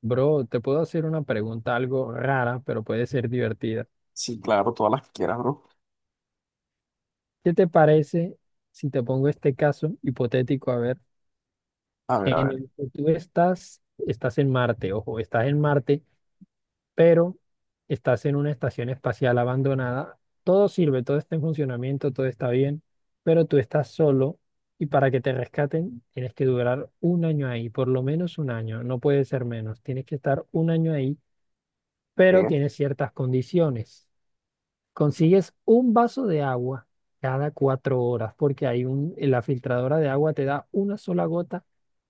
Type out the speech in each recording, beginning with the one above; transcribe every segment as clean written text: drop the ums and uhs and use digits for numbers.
Bro, te puedo hacer una pregunta algo rara, pero puede ser divertida. Sí, claro, todas las que quieras, bro. ¿Qué te parece si te pongo este caso hipotético? A ver, A ver, a en ver. el que tú estás en Marte, ojo, estás en Marte, pero estás en una estación espacial abandonada. Todo sirve, todo está en funcionamiento, todo está bien, pero tú estás solo y para que te rescaten tienes que durar un año ahí, por lo menos un año, no puede ser menos. Tienes que estar un año ahí, pero E, tienes ciertas condiciones. Consigues un vaso de agua cada 4 horas porque hay la filtradora de agua te da una sola gota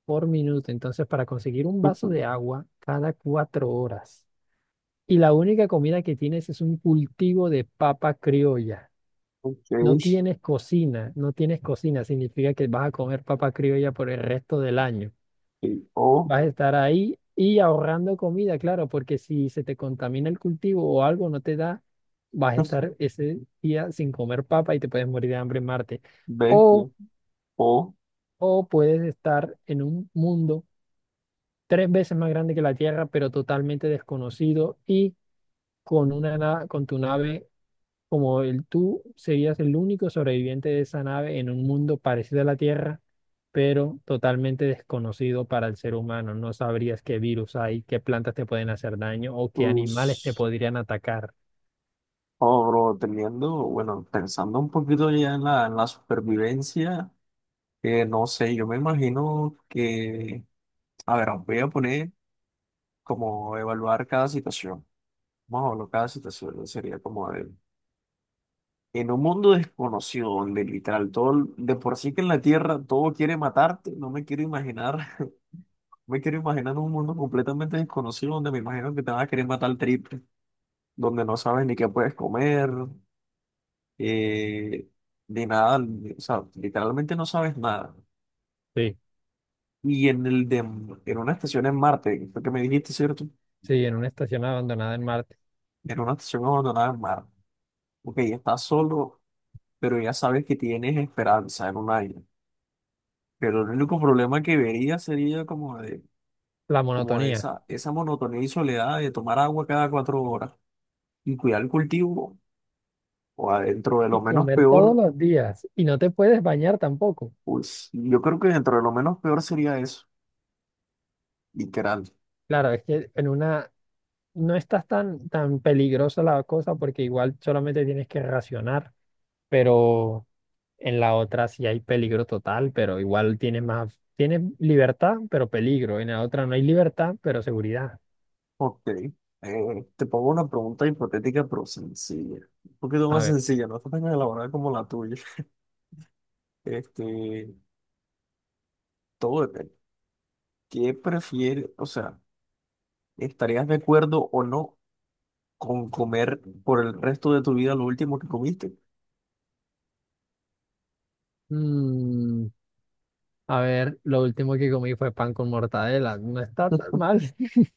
por minuto. Entonces, para conseguir un vaso de agua cada 4 horas. Y la única comida que tienes es un cultivo de papa criolla. ok, No tienes cocina, no tienes cocina. Significa que vas a comer papa criolla por el resto del año. y Vas a estar ahí y ahorrando comida, claro, porque si se te contamina el cultivo o algo no te da, vas a estar ese día sin comer papa y te puedes morir de hambre en Marte. bestia. O, O, o puedes estar en un mundo 3 veces más grande que la Tierra, pero totalmente desconocido y con con tu nave como el tú serías el único sobreviviente de esa nave en un mundo parecido a la Tierra, pero totalmente desconocido para el ser humano. No sabrías qué virus hay, qué plantas te pueden hacer daño o qué animales te pues, podrían atacar. oh, bro, teniendo, bueno, pensando un poquito ya en la supervivencia. No sé, yo me imagino que, a ver, voy a poner como evaluar cada situación. Vamos a evaluar cada situación, ¿no? Sería como de, en un mundo desconocido, donde literal todo, de por sí que en la Tierra todo quiere matarte, no me quiero imaginar. Me quiero imaginar un mundo completamente desconocido donde me imagino que te vas a querer matar triple, donde no sabes ni qué puedes comer, eh, ni nada, o sea, literalmente no sabes nada. Sí, Y en una estación en Marte, fue que me dijiste, ¿cierto? sí, en una estación abandonada en Marte. En una estación abandonada en Marte. Ok, estás solo, pero ya sabes que tienes esperanza en un año. Pero el único problema que vería sería como de, La como de monotonía. esa monotonía y soledad de tomar agua cada 4 horas y cuidar el cultivo, o adentro de lo Y menos comer peor, todos los días. Y no te puedes bañar tampoco. pues yo creo que dentro de lo menos peor sería eso, literal. Claro, es que en una no estás tan peligrosa la cosa porque igual solamente tienes que racionar, pero... En la otra sí hay peligro total, pero igual tiene más, tiene libertad, pero peligro. En la otra no hay libertad, pero seguridad. Ok, te pongo una pregunta hipotética pero sencilla. Un poquito A más ver. sencilla, no está tan elaborada como la tuya. Este, todo depende. ¿Qué prefieres? O sea, ¿estarías de acuerdo o no con comer por el resto de tu vida lo último que comiste? mm, a ver, lo último que comí fue pan con mortadela. No está tan mal.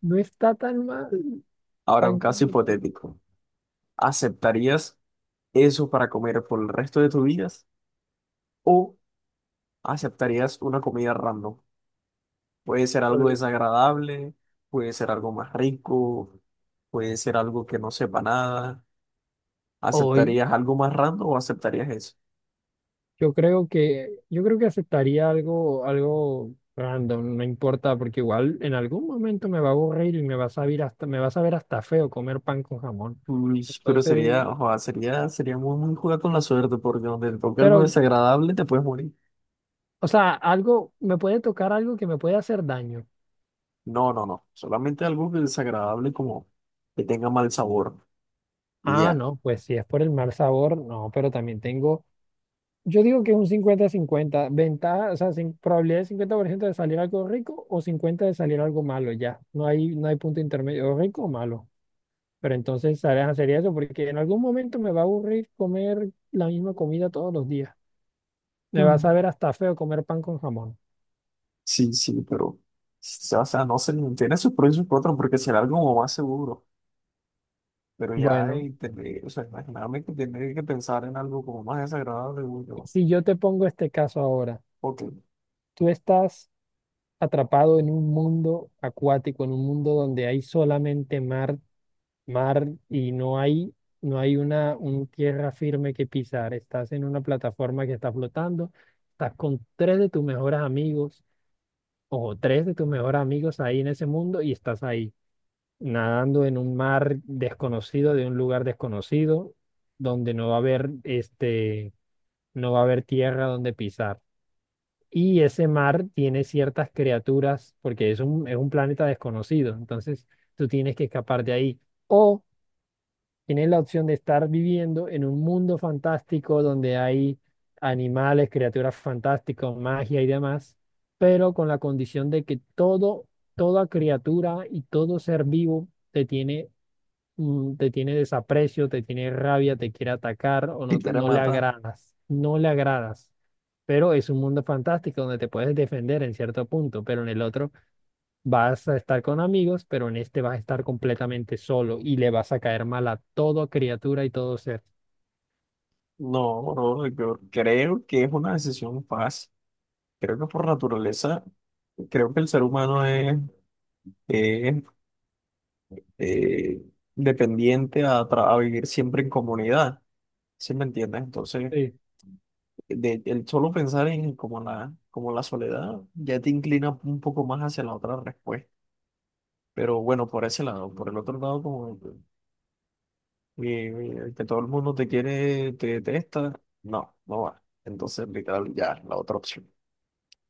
No está tan mal. Ahora, Pan un con caso mortadela. hipotético. ¿Aceptarías eso para comer por el resto de tu vida? ¿O aceptarías una comida random? Puede ser Por algo desagradable, puede ser algo más rico, puede ser algo que no sepa nada. Hoy ¿Aceptarías algo más random o aceptarías eso? yo creo que aceptaría algo random, no importa, porque igual en algún momento me va a aburrir y me va a saber hasta me va a saber hasta feo comer pan con jamón. Uy, pero Entonces, ojo, sería muy, muy jugar con la suerte, porque donde te toque algo pero, desagradable te puedes morir. o sea, algo, me puede tocar algo que me puede hacer daño. No, no, no. Solamente algo que desagradable como que tenga mal sabor. Y Ah, ya. no, pues si es por el mal sabor, no, pero también tengo, yo digo que es un 50-50, ventaja, o sea, sin, probabilidad de 50% de salir algo rico o 50 de salir algo malo, ya. No hay, no hay punto intermedio, o rico o malo. Pero entonces, ¿sabes? Sería eso, porque en algún momento me va a aburrir comer la misma comida todos los días. Me va a Mm. saber hasta feo comer pan con jamón. Sí, sí, pero... O sea, no sé, tiene sus pros y sus contras, porque será algo como más seguro. Pero ya, Bueno, y tener, o sea, imagíname que tiene que pensar en algo como más desagradable, uy, yo, si yo te pongo este caso ahora, porque tú estás atrapado en un mundo acuático, en un mundo donde hay solamente mar, mar y no hay una un tierra firme que pisar. Estás en una plataforma que está flotando, estás con tres de tus mejores amigos o tres de tus mejores amigos ahí en ese mundo y estás ahí, nadando en un mar desconocido, de un lugar desconocido, donde no va a haber este, no va a haber tierra donde pisar. Y ese mar tiene ciertas criaturas, porque es un planeta desconocido, entonces tú tienes que escapar de ahí. O tienes la opción de estar viviendo en un mundo fantástico donde hay animales, criaturas fantásticas, magia y demás, pero con la condición de que todo, toda criatura y todo ser vivo te tiene, te tiene desaprecio, te tiene rabia, te quiere atacar o si no, quiere no le matar, agradas, no le agradas, pero es un mundo fantástico donde te puedes defender en cierto punto, pero en el otro vas a estar con amigos, pero en este vas a estar completamente solo y le vas a caer mal a toda criatura y todo ser. no, bro, yo creo que es una decisión fácil. Creo que por naturaleza, creo que el ser humano es, eh, dependiente a, a vivir siempre en comunidad, ¿sí me entiendes? Entonces, Sí, de, el solo pensar en como la soledad ya te inclina un poco más hacia la otra respuesta. Pero bueno, por ese lado, por el otro lado, como... Y que todo el mundo te quiere, te detesta, no, no va. Entonces, literal, ya, la otra opción.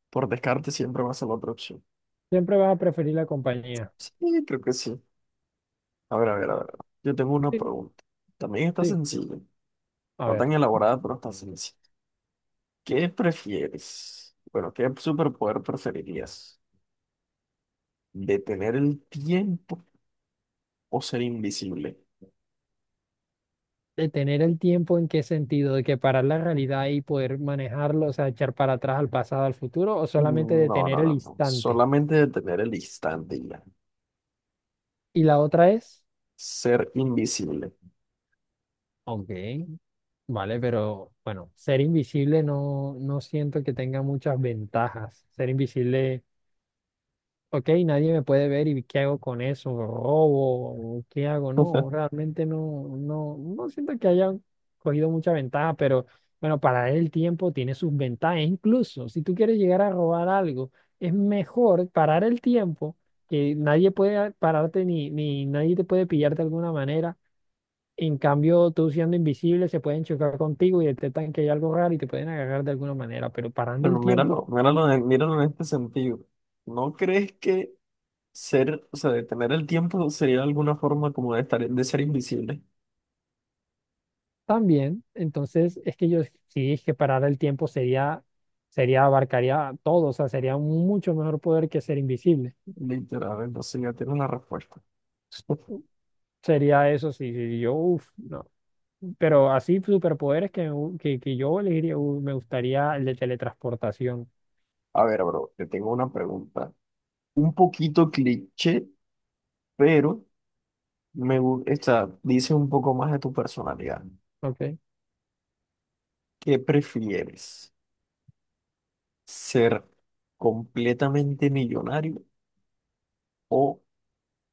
Por descarte siempre va a ser la otra opción. siempre vas a preferir la compañía. Sí, creo que sí. A ver, a ver, a ver. Ah, Yo tengo una sí, pregunta. También está sí. sencilla. A No ver, tan elaborada, pero está sencilla. ¿Qué prefieres? Bueno, ¿qué superpoder preferirías? ¿Detener el tiempo o ser invisible? detener el tiempo, ¿en qué sentido? ¿De que parar la realidad y poder manejarlo, o sea, echar para atrás al pasado, al futuro, o solamente Mm, no, no, detener el no, no. instante? Solamente detener el instante y ya. Y la otra es, Ser invisible. ok. Vale, pero bueno, ser invisible no, no siento que tenga muchas ventajas. Ser invisible, ok, nadie me puede ver y, ¿qué hago con eso? ¿Robo? ¿Qué hago? No, realmente no, no, no siento que haya cogido mucha ventaja, pero bueno, para el tiempo tiene sus ventajas. Incluso si tú quieres llegar a robar algo, es mejor parar el tiempo, que nadie puede pararte ni nadie te puede pillar de alguna manera. En cambio, tú siendo invisible, se pueden chocar contigo y detectan que hay algo raro y te pueden agarrar de alguna manera, pero parando Bueno, el tiempo míralo, míralo, míralo en este sentido. ¿No crees que o sea, detener el tiempo sería alguna forma como de estar, de ser invisible? también. Entonces, es que yo sí, es que parar el tiempo sería, abarcaría todo, o sea, sería un mucho mejor poder que ser invisible. Literal, entonces ya tienes la respuesta. Sería eso, sí, sí, yo, uff, no. Pero así, superpoderes que yo elegiría, me gustaría el de teletransportación, A ver, bro, te tengo una pregunta. Un poquito cliché, pero esta dice un poco más de tu personalidad. ¿ok? ¿Qué prefieres? ¿Ser completamente millonario o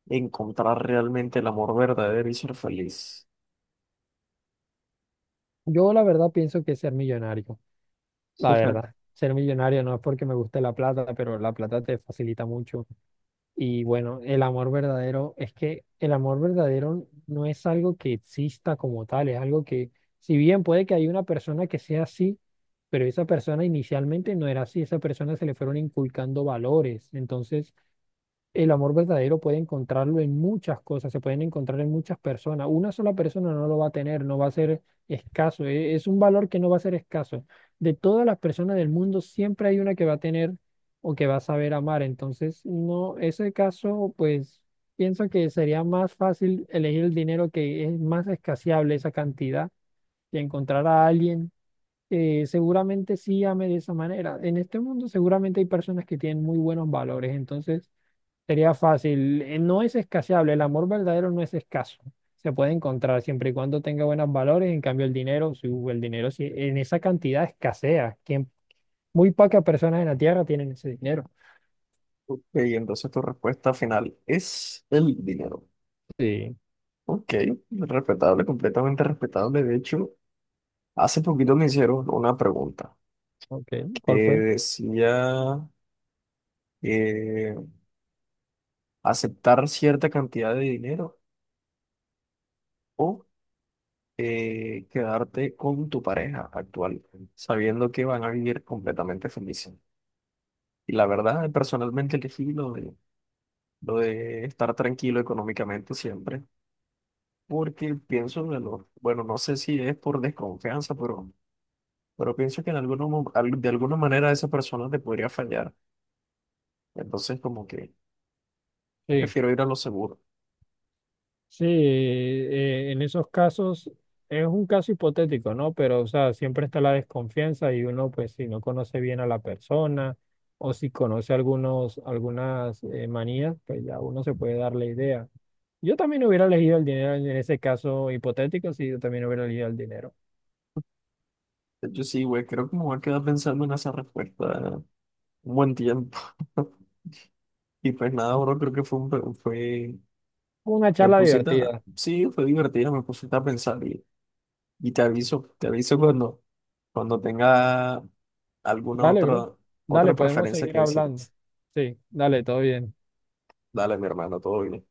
encontrar realmente el amor verdadero y ser feliz? Yo la verdad pienso que ser millonario. La verdad, ser millonario no es porque me guste la plata, pero la plata te facilita mucho. Y bueno, el amor verdadero, es que el amor verdadero no es algo que exista como tal, es algo que, si bien puede que haya una persona que sea así, pero esa persona inicialmente no era así, esa persona se le fueron inculcando valores. Entonces, el amor verdadero puede encontrarlo en muchas cosas, se pueden encontrar en muchas personas. Una sola persona no lo va a tener, no va a ser escaso, es un valor que no va a ser escaso. De todas las personas del mundo, siempre hay una que va a tener o que va a saber amar. Entonces, no, ese caso, pues pienso que sería más fácil elegir el dinero, que es más escaseable esa cantidad, y encontrar a alguien que seguramente sí ame de esa manera. En este mundo, seguramente hay personas que tienen muy buenos valores, entonces. Sería fácil. No es escaseable. El amor verdadero no es escaso. Se puede encontrar siempre y cuando tenga buenos valores. En cambio, el dinero, si hubo el dinero, si en esa cantidad escasea. Quien, muy pocas personas en la Tierra tienen ese dinero. Ok, entonces tu respuesta final es el dinero. Sí, Ok, respetable, completamente respetable. De hecho, hace poquito me hicieron una pregunta ok, que ¿cuál fue? decía eh, aceptar cierta cantidad de dinero o quedarte con tu pareja actual, sabiendo que van a vivir completamente felices. Y la verdad, personalmente elegí lo de estar tranquilo económicamente siempre porque pienso bueno, no sé si es por desconfianza, pero, pienso que en alguno mo- al- de alguna manera esa persona te podría fallar. Entonces, como que Sí. prefiero ir a lo seguro. Sí, en esos casos es un caso hipotético, ¿no? Pero, o sea, siempre está la desconfianza y uno, pues, si no conoce bien a la persona o si conoce algunas manías, pues ya uno se puede dar la idea. Yo también hubiera elegido el dinero en ese caso hipotético, sí, yo también hubiera elegido el dinero. De hecho, sí, güey, creo que me voy a quedar pensando en esa respuesta un buen tiempo. Y pues nada, bro, creo que fue fue, Una me charla pusiste, divertida. sí, fue divertido, me pusiste a pensar y, te aviso cuando, tenga alguna Dale, bro. Otra Dale, podemos preferencia seguir que decirte. hablando. Sí, dale, todo bien. Dale, mi hermano, todo bien.